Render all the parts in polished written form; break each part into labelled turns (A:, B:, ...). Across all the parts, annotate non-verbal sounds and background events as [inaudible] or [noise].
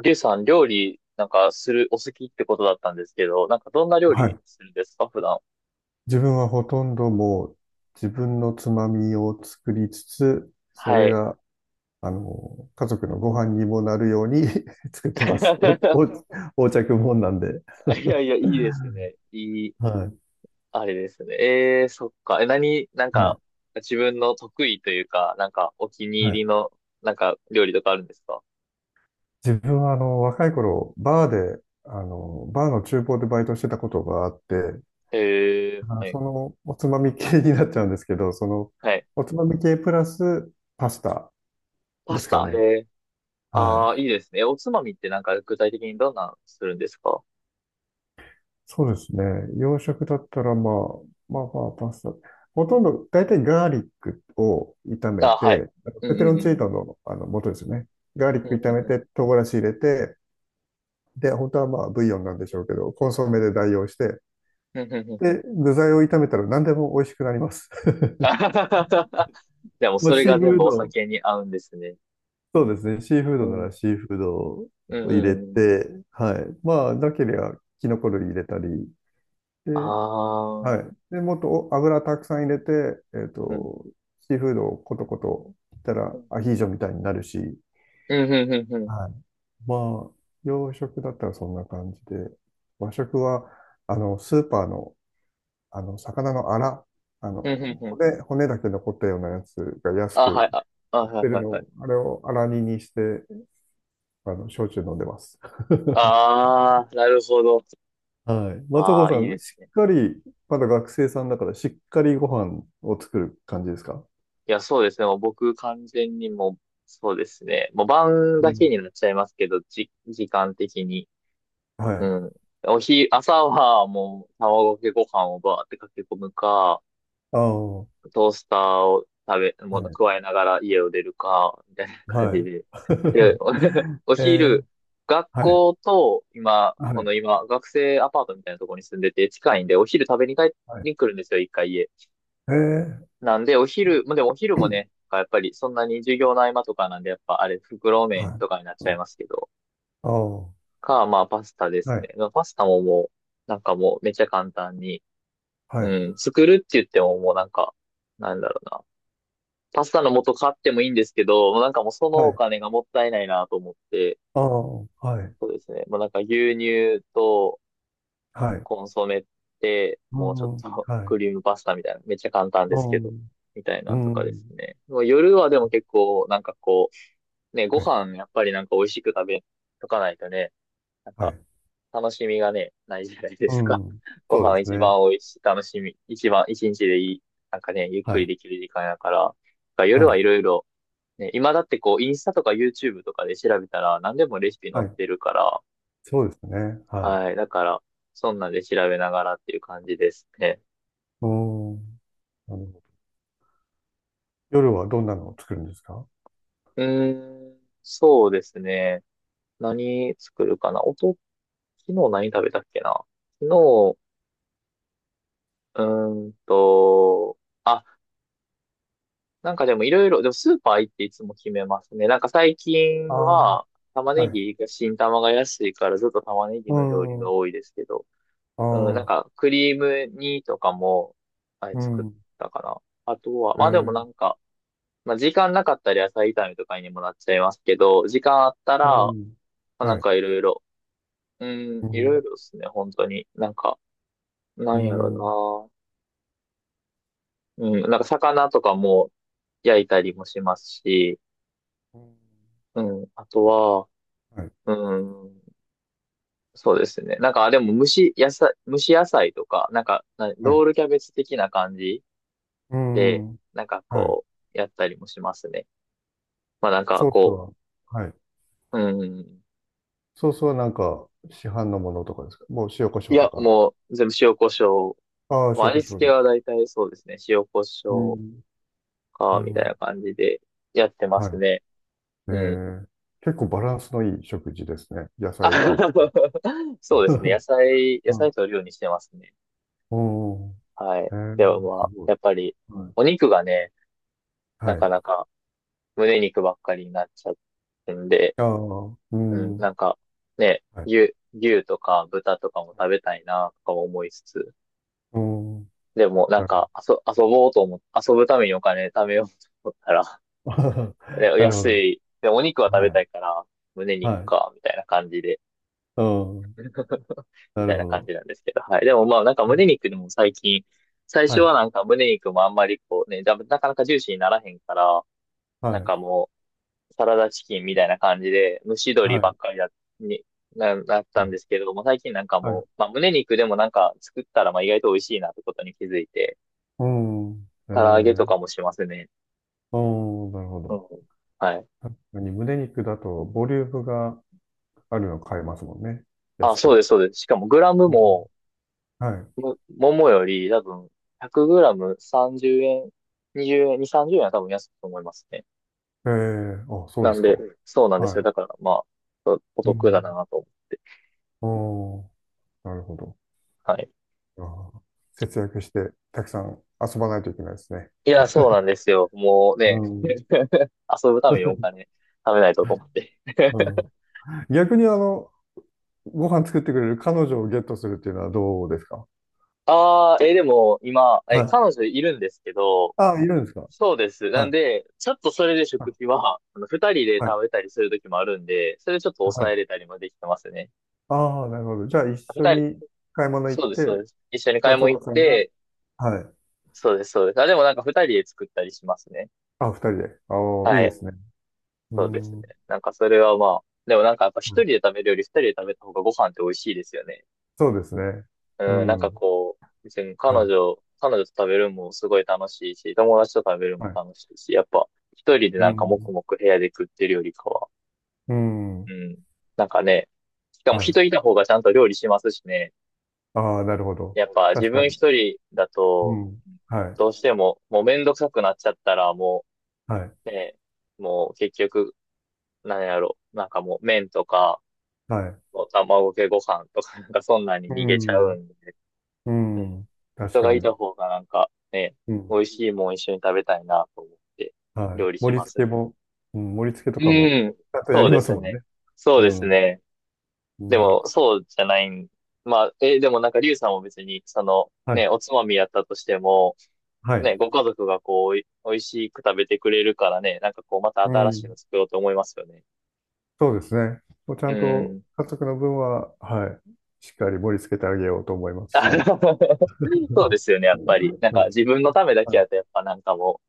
A: りゅうさん、料理、なんか、する、お好きってことだったんですけど、なんか、どんな料
B: は
A: 理
B: い。
A: するんですか、普段？
B: 自分はほとんどもう自分のつまみを作りつつ、そ
A: は
B: れ
A: い。
B: が、家族のご飯にもなるように [laughs] 作ってます。お、お、
A: [laughs]
B: 横着もんなんで。
A: いやいや、いいですね。
B: はい。
A: あれですね。そっか。え、何、なん
B: はい。
A: か、自分の得意というか、なんか、お気に
B: は
A: 入
B: い。
A: りの、なんか、料理とかあるんですか？
B: 自分は、若い頃、バーで、バーの厨房でバイトしてたことがあって、
A: えー、
B: あ、
A: はい。
B: おつまみ系になっちゃうんですけど、
A: はい。
B: おつまみ系プラスパスタ
A: パ
B: で
A: ス
B: すか
A: タ、へ
B: ね。
A: え。
B: は
A: ああ、
B: い。
A: いいですね。おつまみってなんか、具体的にどんなのするんですか？
B: そうですね。洋食だったら、まあ、まあまあ、パスタ。ほとんど、大体ガーリックを炒
A: あ、
B: め
A: はい。
B: て、あの
A: うん
B: ペペ
A: う
B: ロ
A: ん
B: ン
A: う
B: チー
A: ん。
B: ノの、あの元ですよね。ガーリッ
A: う
B: ク
A: んう
B: 炒
A: ん
B: め
A: うん。
B: て、唐辛子入れて、で、本当はまあ、ブイヨンなんでしょうけど、コンソメで代用して、
A: うんうんうんうん。
B: で、具材を炒めたら何でも美味しくなります。[laughs]
A: [laughs] でも
B: まあ、
A: それ
B: シー
A: が全
B: フー
A: 部お
B: ド、
A: 酒に合うんですね。
B: そうですね。シーフー
A: う
B: ドな
A: ん。
B: らシーフードを
A: うん、
B: 入
A: う
B: れ
A: んうん。
B: て、はい。まあ、なければ、キノコ類入れたり、
A: あ
B: で、はい。
A: あ
B: で、もっとお油たくさん入れて、えっ
A: うん。
B: と、シーフードをコトコトいったら
A: うん、
B: アヒージョみたいになるし、
A: うん、うん、うん。
B: はい。まあ、洋食だったらそんな感じで、和食は、スーパーの、魚のアラ、
A: うん、うん、うん。
B: 骨だけ残ったようなやつが安
A: あ、は
B: く
A: い、あ、あ、
B: 売っ
A: はい、
B: てる
A: はい、
B: の
A: はい。
B: を、あれをアラ煮にして、焼酎飲んでます。[laughs]
A: ああ、なるほど。
B: はい。松
A: ああ、
B: 岡さ
A: いいで
B: ん、
A: す
B: し
A: ね。
B: っかり、まだ学生さんだから、しっかりご飯を作る感じですか？
A: いや、そうですね。もう僕完全にもう、そうですね。もう晩
B: う
A: だけ
B: ん。
A: になっちゃいますけど、時間的に。
B: は
A: う
B: い。
A: ん。朝はもう卵かけご飯をバーってかけ込むか、
B: ああ、は
A: トースターを食べ、もの
B: い。
A: 加えながら家を出るか、みたいな感
B: は
A: じ
B: い。
A: で。で、
B: [laughs]
A: お [laughs] お
B: ええ。
A: 昼、学
B: はい。
A: 校と、今、
B: は
A: この
B: い。
A: 今、学生アパートみたいなところに住んでて近いんで、お昼食べに帰
B: はい。
A: に来るんですよ、一回家。
B: ええ。
A: なんで、お昼、まあでもお昼もね、やっぱりそんなに授業の合間とかなんで、やっぱあれ、袋
B: [clears throat]
A: 麺
B: はい。
A: とかになっちゃいますけど、
B: ああ、は
A: か、まあパスタです
B: い。
A: ね。まあパスタももう、なんかもうめっちゃ簡単に、
B: はい。
A: うん、作るって言ってももうなんか、なんだろうな。パスタの素買ってもいいんですけど、もうなんかもうその
B: は
A: お
B: い。
A: 金がもったいないなと思って、
B: ああ、はい。
A: そうですね。もうなんか牛乳と
B: はい。
A: コンソメで、
B: う
A: もうちょっ
B: ん。
A: と [laughs]
B: はい。
A: クリームパスタみたいな、めっちゃ簡単で
B: う
A: すけど、
B: ん。
A: みたいな
B: う
A: んとかです
B: ん。
A: ね。もう夜はでも結構、なんかこう、ね、ご
B: はい。
A: 飯やっぱりなんか美味しく食べとかないとね、なん
B: は
A: か
B: い。
A: 楽しみがね、ないじゃないで
B: う
A: すか。
B: ん。
A: [laughs] ご
B: そうで
A: 飯
B: す
A: 一
B: ね。
A: 番美味しい、楽しみ、一番一日でいい、なんかね、ゆっ
B: は
A: くり
B: い。
A: できる時間やから、なんか夜
B: は
A: はい
B: い。
A: ろいろね、今だってこう、インスタとか YouTube とかで調べたら何でもレシピ載
B: は
A: っ
B: い。
A: てるから、
B: そうですね。はい。
A: はい。だから、そんなんで調べながらっていう感じですね。
B: うん。なるほど。夜はどんなのを作るんですか？
A: うーん、そうですね。何作るかなおと、昨日何食べたっけな昨日、うーんと、あ、なんかでもいろいろ、でもスーパー行っていつも決めますね。なんか最近
B: ああ、
A: は、玉
B: は
A: ね
B: い。
A: ぎが、新玉が安いからずっと玉ねぎ
B: う
A: の料理が
B: ん。
A: 多いですけど。
B: あ
A: うん、なん
B: あ、
A: か、クリーム煮とかも、あれ
B: う
A: 作っ
B: ん。
A: たかな。あとは、
B: え
A: まあでも
B: ー、
A: なんか、まあ時間なかったら野菜炒めとかにもなっちゃいますけど、時間あった
B: う
A: ら、ま
B: ん。
A: あな
B: は
A: ん
B: い。
A: かいろいろ、う
B: う
A: ん、いろい
B: ん。
A: ろですね、本当に。なんか、な
B: う
A: んや
B: ん。うん。
A: ろな。うん、なんか魚とかも焼いたりもしますし、うん、あとは、
B: はい。
A: うん、そうですね。なんか、あでも蒸し野菜、蒸し野菜とか、なんか、な
B: は
A: ロ
B: い。
A: ールキャベツ的な感じ
B: う
A: で、
B: ん。
A: なんか
B: はい。
A: こう、やったりもしますね。まあなんか
B: ソース
A: こ
B: は、はい。
A: う、うん。
B: ソースはなんか、市販のものとかですか？もう塩コシ
A: い
B: ョウと
A: や、
B: か。
A: もう全部塩コショウ。
B: ああ、
A: まあ
B: 塩コ
A: 味
B: ショウ
A: 付け
B: で。
A: は大体そうですね。塩コシ
B: う
A: ョウ
B: ん。う
A: か、みたい
B: ん。
A: な感じでやってま
B: は
A: す
B: い。
A: ね。
B: え
A: うん。
B: ー、結構バランスのいい食事ですね。野
A: あ
B: 菜とって。
A: [laughs] そうですね。
B: [laughs]
A: 野菜、野
B: うん。
A: 菜取るようにしてますね。
B: お、
A: はい。
B: えー、
A: でもま
B: す
A: あ、
B: ご
A: や
B: い。
A: っぱり、う
B: は
A: んお
B: い。
A: 肉がね、な
B: は
A: か
B: い。
A: なか胸肉ばっかりになっちゃってんで、
B: ああ、う
A: うん、な
B: ん。
A: んかね、
B: はい。
A: 牛、牛とか豚とかも食べたいな、とか思いつつ、
B: うん。
A: でも、なん
B: はい。
A: か、遊ぼうと思っ遊ぶためにお金貯めようと思ったら、
B: [laughs]
A: [laughs] で
B: なるほ
A: 安
B: ど。
A: い。で、お肉は食べ
B: は
A: た
B: い。
A: いから、胸肉
B: はい。
A: か、みたいな感じで、
B: うん。
A: [laughs] み
B: な
A: た
B: る
A: いな
B: ほ
A: 感
B: ど。
A: じなんですけど、はい。でも、まあ、なんか胸肉でも最近、最
B: は
A: 初は
B: い。
A: なんか胸肉もあんまりこうね、だなかなかジューシーにならへんから、
B: は
A: なん
B: い。
A: かもう、サラダチキンみたいな感じで、蒸し鶏
B: は
A: ばっ
B: い。
A: かりだ、に、なった
B: は
A: ん
B: い。
A: ですけども、最近なんか
B: は
A: も
B: い。
A: う、まあ、胸肉でもなんか作ったら、まあ、意外と美味しいなってことに気づいて、
B: うん。え
A: 唐揚げと
B: ー、
A: かもしますね。
B: うん、なるほ
A: う
B: ど。
A: んはい。
B: 確かに胸肉だとボリュームがあるの買えますもんね。
A: あ、
B: 安
A: そう
B: く。
A: です、そうです。しかもグラム
B: うん。
A: も、
B: はい。
A: も、桃より多分、100グラム30円、20円、2、30円は多分安いと思いますね。
B: えー、あ、そう
A: な
B: で
A: ん
B: す
A: で、
B: か。
A: うん。そうなんですよ。
B: は
A: だから、まあ、おお
B: い。う
A: 得だ
B: ん。
A: なと。
B: おー、なるほど。
A: はい。
B: あー、節約してたくさん遊ばないといけないですね。
A: いや、そうなんですよ。もう
B: う
A: ね、
B: ん。
A: [laughs] 遊ぶためにお金貯めないとと思って。
B: う
A: [laughs]
B: ん。逆にご飯作ってくれる彼女をゲットするっていうのはどうですか？
A: ああ、えー、でも、今、
B: は
A: え、
B: い。
A: 彼女いるんですけど、
B: あ、いるんですか？
A: そうです。な
B: は
A: ん
B: い。
A: で、ちょっとそれで
B: は
A: 食
B: い。
A: 費は、あの、二人で
B: はい。
A: 食べたりするときもあるんで、それちょっと
B: は
A: 抑
B: い。
A: えれたりもできてますね。
B: ああ、なるほど。じゃあ、一
A: 二
B: 緒
A: 人、
B: に買い物行っ
A: そうです、そう
B: て、
A: です。一緒に買い
B: 松
A: 物行
B: 岡
A: っ
B: さんが、
A: て、
B: はい。
A: そうです、そうです。あ、でもなんか二人で作ったりしますね。
B: あ、二人で。ああ、
A: は
B: いいで
A: い。
B: すね。う
A: そうです
B: ん。
A: ね。
B: はい。
A: なんかそれはまあ、でもなんかやっぱ一人で食べるより二人で食べた方がご飯って美味しいですよね。
B: そうですね。う
A: うん、なんか
B: ん。
A: こう、別に彼
B: はい。
A: 女、彼女と食べるのもすごい楽しいし、友達と食べるの
B: は
A: も
B: い。
A: 楽しいし、やっぱ一人で
B: う
A: なんか黙
B: ん。
A: 々部屋で食ってるよりかは、
B: う
A: う
B: ん。
A: ん。なんかね、しかも
B: はい。
A: 人いた方がちゃんと料理しますしね。
B: ああ、なるほど。
A: やっぱ自
B: 確か
A: 分一
B: に。
A: 人だ
B: う
A: と、
B: ん。はい。
A: どうしても、もうめんどくさくなっちゃったら、も
B: はい。
A: う、ね、もう結局、なんやろなんかもう麺とか、
B: はい。
A: もう卵かけご飯とか、[laughs] なんかそんなに
B: う
A: 逃げちゃう
B: ん。
A: んで、
B: う
A: うん。
B: ん。確
A: 人が
B: か
A: い
B: に。
A: た方がなんかね、
B: う
A: 美
B: ん。
A: 味しいもん一緒に食べたいなと思って、
B: はい。
A: 料理し
B: 盛り
A: ま
B: 付
A: す
B: け
A: ね。
B: も、うん、盛り付けとかも、
A: うん、
B: ちゃんとや
A: そう
B: り
A: で
B: ます
A: す
B: もん
A: ね。
B: ね。
A: そう
B: う
A: です
B: ん。
A: ね。
B: う
A: で
B: ん。
A: も、そうじゃないん。まあ、え、でもなんか、リュウさんも別に、その、
B: はい。
A: ね、おつまみやったとしても、
B: は
A: ね、
B: い。
A: ご家族がこう、おい美味しく食べてくれるからね、なんかこう、また
B: う
A: 新しいの
B: ん。
A: 作ろうと思いますよね。
B: そうですね。もうちゃ
A: う
B: んと
A: ん。
B: 家族の分は、はい、しっかり盛り付けてあげようと思いますし。
A: あの
B: [laughs] はい、
A: [laughs] そうですよね、やっぱり。なんか、自分のためだ
B: は
A: け
B: い、
A: やと、やっぱなんかも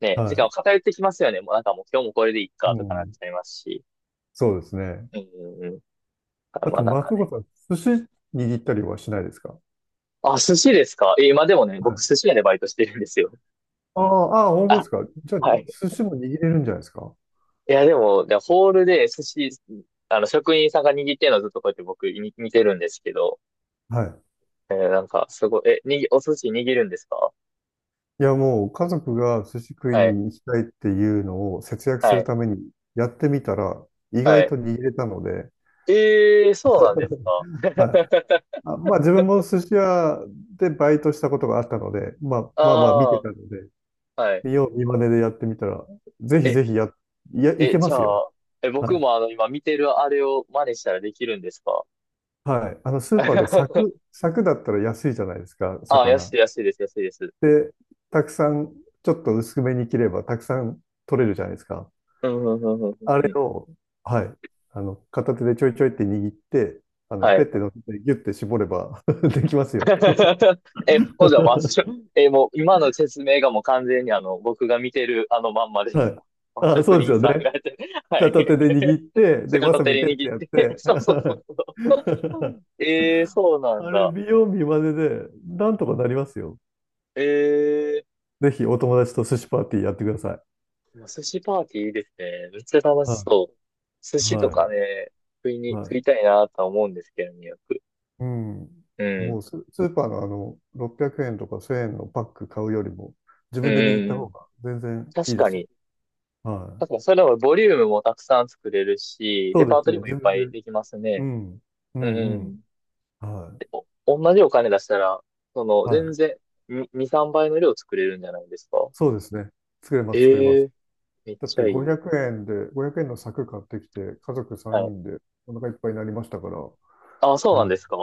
A: う、ね、時
B: は
A: 間を偏ってきますよね。もうなんかもう、今日もこれでいい
B: い、
A: か、
B: う
A: とかなっ
B: ん。
A: ちゃいますし。
B: そうですね。
A: うんうんうん。だから
B: あ
A: ま
B: と、
A: あなんか
B: 松
A: ね。
B: 岡さん、寿司握ったりはしないですか？
A: あ、寿司ですか？え、今でもね、
B: は
A: 僕
B: い。
A: 寿司屋でバイトしてるんですよ。
B: ああ、ああ、本当で
A: あ、
B: すか。じゃあ、
A: は
B: に
A: い。
B: 寿司も握れるんじゃないですか？
A: いや、でも、でホールで寿司、あの、職員さんが握ってるのずっとこうやって僕見てるんですけど、
B: は
A: えーなんか、すごい、え、お寿司握るんですか？
B: い。いや、もう、家族が寿司食い
A: はい、
B: に行きたいっていうのを節約す
A: は
B: る
A: い、
B: ためにやってみたら、意
A: は
B: 外と
A: い。
B: 握れたので、
A: えー、そうなんですか？
B: はい。
A: [laughs]
B: あ、まあ自分も寿司屋でバイトしたことがあったので、まあ
A: あ
B: まあまあ見てたので、
A: あ、はい。
B: 見よう見まねでやってみたら、ぜひ
A: え、
B: ぜひや、いや、い
A: え、
B: けま
A: じゃ
B: すよ。
A: あ、え、
B: は
A: 僕
B: い。
A: もあの、今見てるあれを真似したらできるんですか？
B: はい。スーパーで柵、
A: [laughs]
B: 柵だったら安いじゃないですか、
A: あ安
B: 魚。
A: い、安いです、安いです。
B: で、たくさん、ちょっと薄めに切ればたくさん取れるじゃないですか。
A: うん、うん、うん、うん、
B: あ
A: う
B: れ
A: ん。
B: を、はい。片手でちょいちょいって握って、
A: は
B: ペ
A: い。
B: ッて乗せてギュッて絞れば [laughs] できますよ。
A: [laughs] え、ほんじゃ、まあ、
B: [laughs]
A: そえ、もう、今の説明がもう完全にあの、僕が見てるあのまんまで
B: は
A: した。
B: い。
A: まあ
B: あ、そ
A: 職
B: うです
A: 人
B: よ
A: さんが
B: ね。
A: やって、[laughs] はい。
B: 片手で握って、で、
A: [laughs]
B: わ
A: 片
B: さび
A: 手
B: ペ
A: に
B: ッて
A: 握っ
B: やっ
A: て、[laughs]
B: て、
A: そうそうそうそう。
B: [laughs]
A: えー、そうなん
B: あれ、
A: だ。
B: 美容美見まねで、なんとかなりますよ。
A: えー、
B: ぜひ、お友達と寿司パーティーやってください。
A: まあ寿司パーティーいいですね。めっちゃ楽し
B: は
A: そう。寿
B: い。
A: 司と
B: は
A: か
B: い。
A: ね、
B: は
A: 食
B: い。
A: いたいなとは思うんですけどね、よく。
B: うん。
A: う
B: も
A: ん。
B: うス、スーパーのあの、600円とか1000円のパック買うよりも、自
A: う
B: 分で握った方
A: ん。
B: が全然い
A: 確
B: いで
A: か
B: すよ。
A: に。
B: は
A: 確
B: い。
A: かに、それはボリュームもたくさん作れるし、
B: そ
A: レ
B: う
A: パー
B: です
A: トリ
B: ね。
A: ーもいっ
B: 自分
A: ぱい
B: で。
A: できます
B: う
A: ね。
B: ん。う
A: う
B: んうん。
A: ん。
B: は
A: 同じお金出したら、その、
B: い。は
A: 全
B: い。
A: 然、2、2 3倍の量作れるんじゃないですか？
B: そうですね。作れます、作れま
A: え
B: す。
A: えめっ
B: だっ
A: ち
B: て
A: ゃいい。
B: 500円で、500円の柵買ってきて、家族
A: は
B: 3
A: い。
B: 人でお腹いっぱいになりましたから、
A: あ、そう
B: う
A: なんで
B: ん。
A: すか？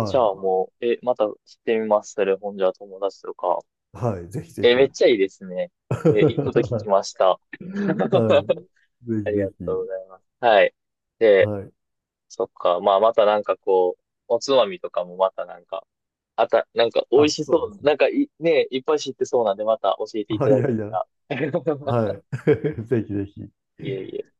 A: じゃあもう、え、また知ってみます。それ、ほんじゃ友達とか。
B: い。はい。ぜひぜ
A: え、めっ
B: ひ。
A: ちゃいいですね。
B: [laughs]
A: え、いいこと聞き
B: は
A: ました。
B: い。はい。
A: [laughs]
B: ぜ
A: あ
B: ひ
A: り
B: ぜ
A: がとう
B: ひ。
A: ございます。はい。で、
B: はい。
A: そっか。まあ、またなんかこう、おつまみとかもまたなんか、あた、なんか美味
B: あ、
A: しそ
B: そうです
A: う。
B: ね。
A: なんかい、ね、いっぱい知ってそうなんで、また教えてい
B: あ、
A: た
B: い
A: だ
B: や
A: け
B: いや。
A: たら。
B: は
A: [laughs]
B: い。[laughs] ぜひぜひ。
A: いえいえ。